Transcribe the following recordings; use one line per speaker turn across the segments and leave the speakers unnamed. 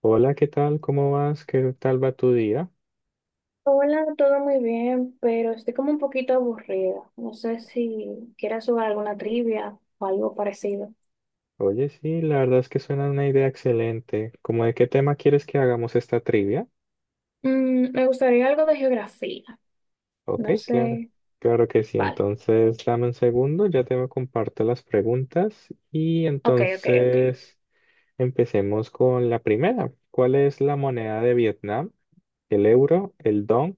Hola, ¿qué tal? ¿Cómo vas? ¿Qué tal va tu día?
Hola, todo muy bien, pero estoy como un poquito aburrida. No sé si quieras jugar alguna trivia o algo parecido.
Oye, sí, la verdad es que suena una idea excelente. ¿Cómo de qué tema quieres que hagamos esta trivia?
Me gustaría algo de geografía.
Ok,
No
claro.
sé.
Claro que sí.
Vale.
Entonces, dame un segundo, ya te comparto las preguntas y
Ok, ok, ok.
entonces empecemos con la primera. ¿Cuál es la moneda de Vietnam? ¿El euro, el dong,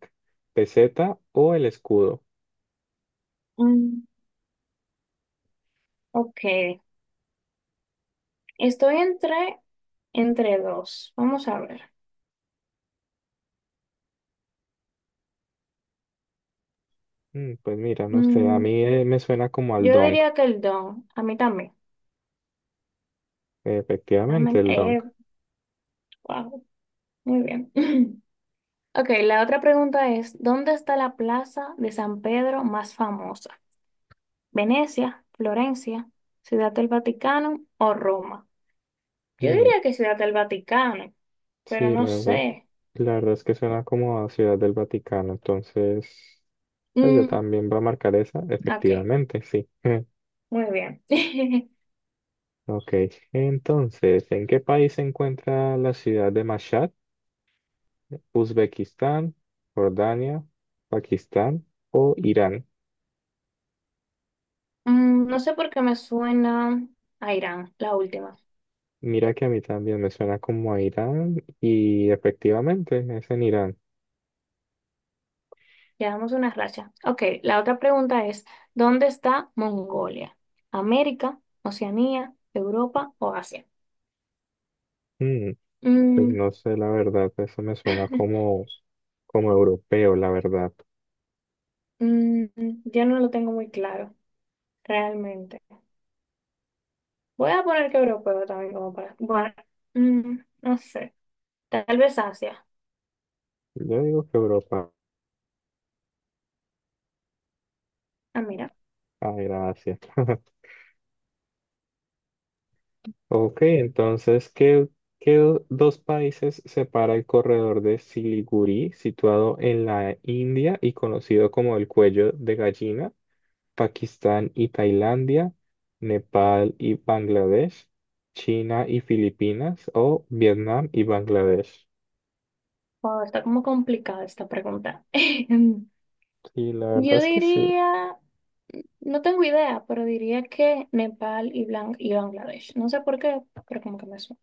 peseta o el escudo?
Mm, ok. Estoy entre, Entre dos. Vamos a ver.
Mm, pues mira, no sé, a
Mm,
mí me suena como al
yo
dong.
diría que el don. A mí también.
Efectivamente,
Realmente-
el dong.
eh, wow. Muy bien. Ok, la otra pregunta es, ¿dónde está la plaza de San Pedro más famosa? Venecia, Florencia, Ciudad del Vaticano o Roma. Yo
Mm.
diría que Ciudad del Vaticano, pero
Sí,
no sé.
la verdad es que suena como a Ciudad del Vaticano, entonces, pues yo
Mm,
también voy a marcar esa,
ok,
efectivamente, sí.
muy bien.
Ok, entonces, ¿en qué país se encuentra la ciudad de Mashhad? ¿Uzbekistán, Jordania, Pakistán o Irán?
No sé por qué me suena a Irán, la última.
Mira que a mí también me suena como a Irán y efectivamente es en Irán.
Llevamos una racha. Ok, la otra pregunta es, ¿dónde está Mongolia? ¿América, Oceanía, Europa o Asia?
Mm, pues
Mm,
no sé, la verdad, eso me suena como, como europeo, la verdad.
mm, yo no lo tengo muy claro, realmente. Voy a poner que europeo también como para... Bueno, no sé. Tal vez Asia.
Yo digo que europeo.
Ah, mira.
Ah, gracias. Ok, entonces, ¿Qué dos países separa el corredor de Siliguri, situado en la India y conocido como el cuello de gallina? Pakistán y Tailandia, Nepal y Bangladesh, China y Filipinas o Vietnam y Bangladesh.
Wow, está como complicada esta pregunta.
Sí, la verdad
Yo
es que sí.
diría, no tengo idea, pero diría que Nepal y y Bangladesh. No sé por qué, pero como que me suena.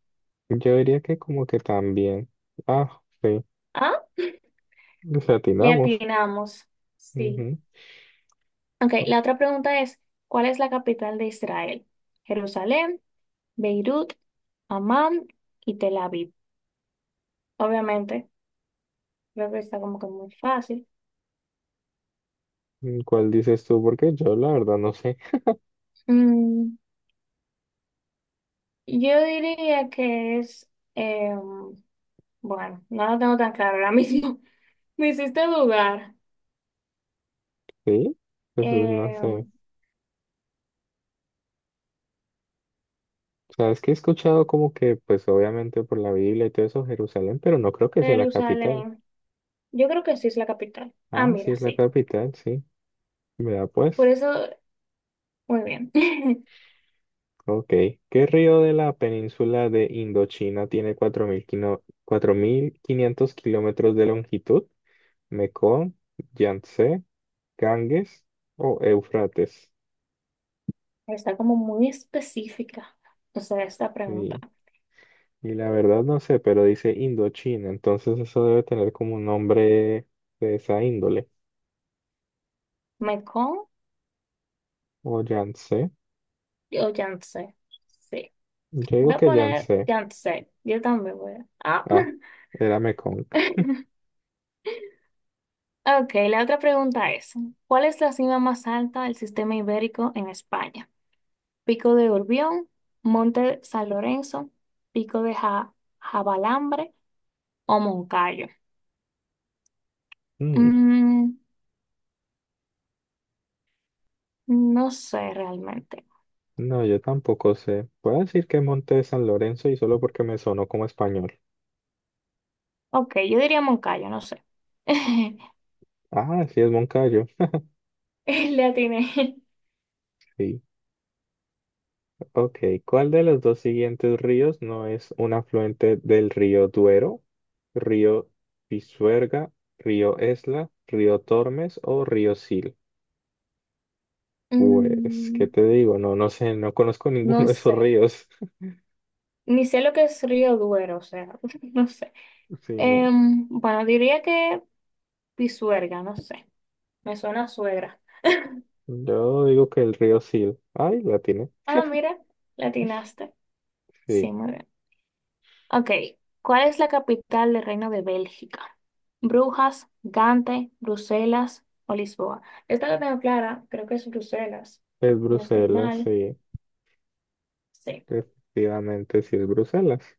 Yo diría que como que también. Ah, sí,
Ah,
les
le
atinamos.
atinamos. Sí.
Ujú.
Ok, la otra pregunta es, ¿cuál es la capital de Israel? Jerusalén, Beirut, Amán y Tel Aviv. Obviamente, creo que está como que muy fácil.
¿Cuál dices tú? Porque yo la verdad no sé.
Mm, Yo diría que es, eh, bueno, no lo tengo tan claro ahora mismo. Me hiciste dudar.
Sí, pues no
Eh,
sé. O sea, es que he escuchado como que, pues obviamente por la Biblia y todo eso, Jerusalén, pero no creo que sea la capital.
Jerusalén, yo creo que sí es la capital. Ah,
Ah, sí
mira,
es la
sí.
capital, sí. Vea
Por
pues.
eso, muy bien.
Ok. ¿Qué río de la península de Indochina tiene 4.000 4.500 kilómetros de longitud? ¿Mekong, Yangtze, Ganges o Éufrates?
Está como muy específica, o sea, esta pregunta.
Sí. Y la verdad no sé, pero dice Indochina, entonces eso debe tener como un nombre de esa índole.
¿Mekong
O Yance.
o Yangtze? Sí.
Yo digo
Voy a
que
poner
Yance.
Yangtze. Yo también voy a... Ah.
Ah, era Mekong.
Ok, la otra pregunta es, ¿cuál es la cima más alta del sistema ibérico en España? Pico de Urbión, Monte San Lorenzo, Pico de Ja- Jabalambre o Moncayo.
Mm,
Mm, no sé realmente.
no, yo tampoco sé. Puedo decir que Monte de San Lorenzo y solo porque me sonó como español.
Ok, yo diría Moncayo, no sé.
Ah, sí, es Moncayo.
Le atiné.
Sí. Ok. ¿Cuál de los dos siguientes ríos no es un afluente del río Duero? ¿Río Pisuerga, río Esla, río Tormes o río Sil? Pues, ¿qué
Mm,
te digo? No, no sé, no conozco ninguno
no
de esos
sé.
ríos.
Ni sé lo que es Río Duero, o sea, no sé.
Sí, no.
Bueno, diría que Pisuerga, no sé. Me suena a suegra.
Yo digo que el río Sil. Ay, la tiene.
Ah, mira, le atinaste.
Sí,
Sí, muy bien. Ok, ¿cuál es la capital del Reino de Bélgica? Brujas, Gante, Bruselas o Lisboa. Esta la tengo clara, creo que es Bruselas.
es
Si no estoy
Bruselas,
mal.
sí,
Sí.
efectivamente sí es Bruselas.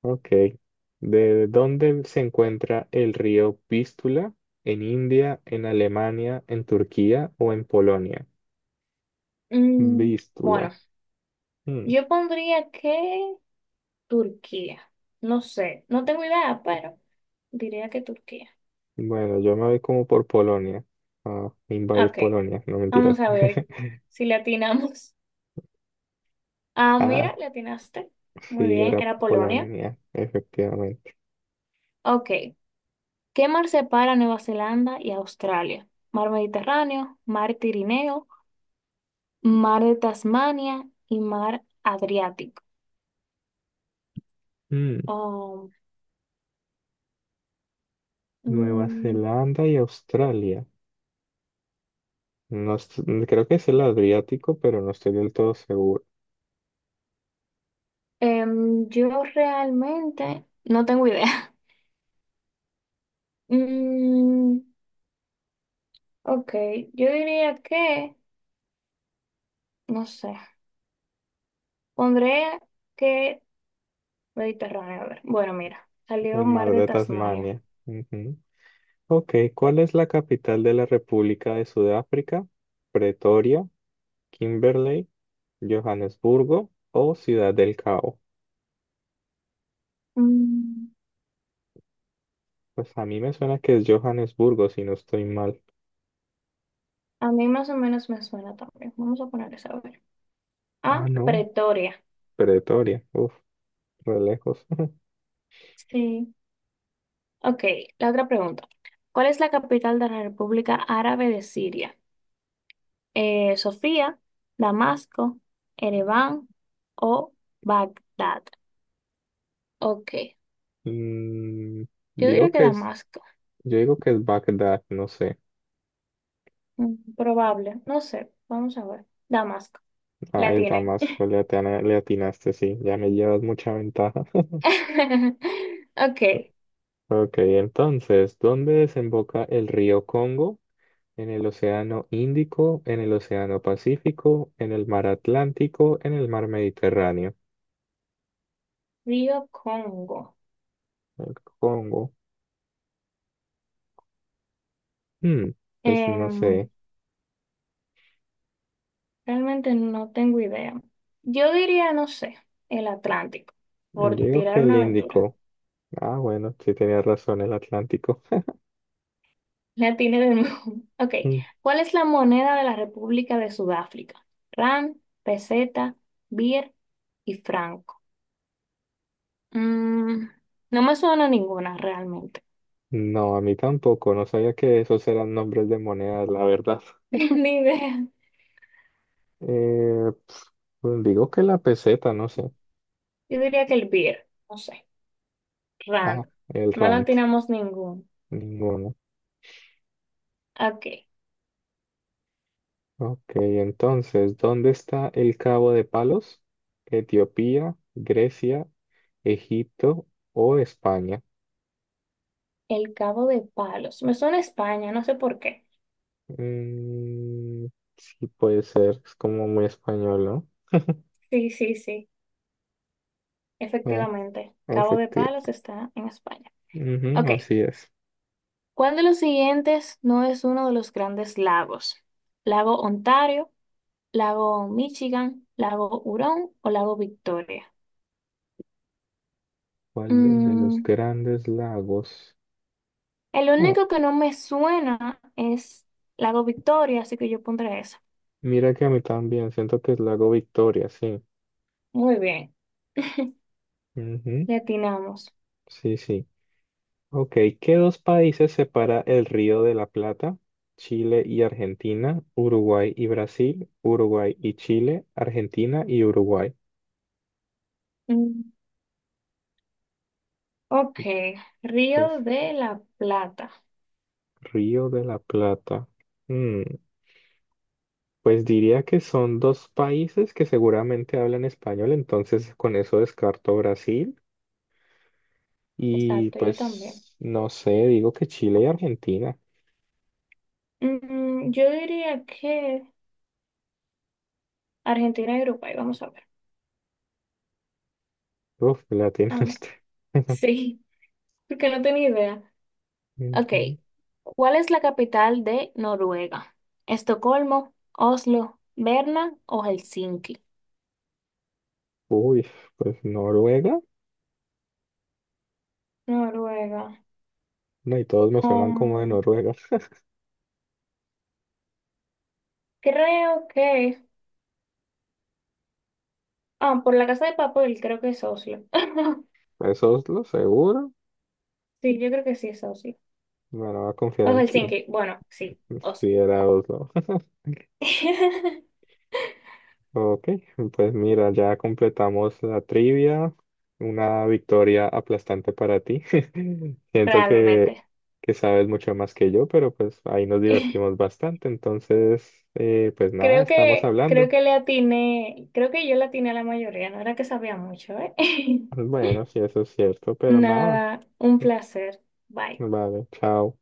Ok. ¿De dónde se encuentra el río Vístula? ¿En India, en Alemania, en Turquía o en Polonia?
Mm,
Vístula.
bueno,
Hmm.
yo pondría que Turquía. No sé, no tengo idea, pero diría que Turquía.
Bueno, yo me voy como por Polonia. Ah, invadir
Ok,
Polonia, no mentiras.
vamos a ver si le atinamos. Ah,
Ah,
mira, le atinaste. Muy
sí,
bien,
era
era Polonia.
Polonia, efectivamente.
Ok. ¿Qué mar separa Nueva Zelanda y Australia? Mar Mediterráneo, Mar Tirineo, Mar de Tasmania y Mar Adriático.
Mm,
Oh,
Nueva
mm,
Zelanda y Australia. No, creo que es el Adriático, pero no estoy del todo seguro.
yo realmente no tengo idea. Mm, ok, yo diría que, no sé, pondré que Mediterráneo. A ver, bueno, mira, salió
El
Mar
mar
de
de
Tasmania.
Tasmania. Ujú. Ok, ¿cuál es la capital de la República de Sudáfrica? Pretoria, Kimberley, Johannesburgo o Ciudad del Cabo.
Mm,
Pues a mí me suena que es Johannesburgo, si no estoy mal.
a mí más o menos me suena también. Vamos a poner esa, a ver.
Ah,
Ah,
no,
Pretoria.
Pretoria. Uf, re lejos.
Sí. Ok, la otra pregunta. ¿Cuál es la capital de la República Árabe de Siria? ¿Sofía, Damasco, Ereván o Bagdad? Ok,
Mm,
yo
digo
diría que
que es,
Damasco.
yo digo que es Bagdad, no sé.
Mm, probable, no sé, vamos a ver. Damasco,
Ah,
la
es
tiene.
Damasco, le atinaste, sí, ya me llevas mucha ventaja.
Ok,
Ok, entonces, ¿dónde desemboca el río Congo? ¿En el Océano Índico, en el Océano Pacífico, en el Mar Atlántico, en el Mar Mediterráneo?
Río Congo.
El Congo. Hmm. Pues no
Em,
sé.
Realmente no tengo idea. Yo diría, no sé, el Atlántico, por
Digo que
tirar
el
una aventura.
Índico. Ah, bueno, sí tenía razón, el Atlántico.
La tiene de nuevo. Ok.
Mm.
¿Cuál es la moneda de la República de Sudáfrica? Rand, peseta, birr y franco. Mm, no me suena ninguna realmente.
No, a mí tampoco. No sabía que esos eran nombres de monedas, la verdad.
Ni idea.
Eh, pf, pues digo que la peseta, no sé.
Yo diría que el birr. No sé.
Ah,
Rand.
el
No la
rand.
atinamos ningún.
Ninguno.
Ok.
Ok, entonces, ¿dónde está el Cabo de Palos? ¿Etiopía, Grecia, Egipto o España?
El Cabo de Palos. Me suena a España, no sé por qué.
Mm, sí, puede ser, es como muy español, ¿no?
Sí, sí, sí. Efectivamente.
Ah,
Cabo de
efectivo.
Palos está en España. Ok.
Ujú, así es.
¿Cuál de los siguientes no es uno de los grandes lagos? ¿Lago Ontario, lago Michigan, lago Hurón o lago Victoria?
¿Cuál de los
Mm,
grandes lagos?
el
Ah,
único que no me suena es lago Victoria, así que yo pondré eso.
mira que a mí también, siento que es Lago Victoria, sí.
Muy bien,
Ujú.
le atinamos.
Sí, sí. Ok, ¿qué dos países separa el Río de la Plata? Chile y Argentina, Uruguay y Brasil, Uruguay y Chile, Argentina y Uruguay.
Mm, ok,
Pues
Río de la Plata.
Río de la Plata. Mm, pues diría que son dos países que seguramente hablan español, entonces con eso descarto Brasil y
Exacto, yo también.
pues no sé, digo que Chile y Argentina.
Yo diría que Argentina y Uruguay, vamos a ver.
Uf, la
Amén.
este.
Sí, porque no tenía idea. Ok,
Ujú.
¿cuál es la capital de Noruega? ¿Estocolmo, Oslo, Berna o Helsinki?
Uy, pues Noruega.
Noruega.
No, y todos me suenan como de
Um,
Noruega.
Creo que. Ah, por la casa de papel, creo que es Oslo.
¿Es Oslo? ¿Seguro?
Sí, yo creo que sí es Oslo.
Bueno, voy a confiar
O
en ti.
Helsinki. Bueno, sí,
Si
Oslo.
era Oslo. Ok, pues mira, ya completamos la trivia. Una victoria aplastante para ti. Siento
Realmente.
que sabes mucho más que yo, pero pues ahí nos divertimos bastante. Entonces, pues nada, estamos
Creo
hablando.
que le atiné, creo que yo le atiné a la mayoría, no era que sabía mucho, ¿eh?
Bueno, sí, eso es cierto, pero nada.
Nada, un placer. Bye.
Vale, chao.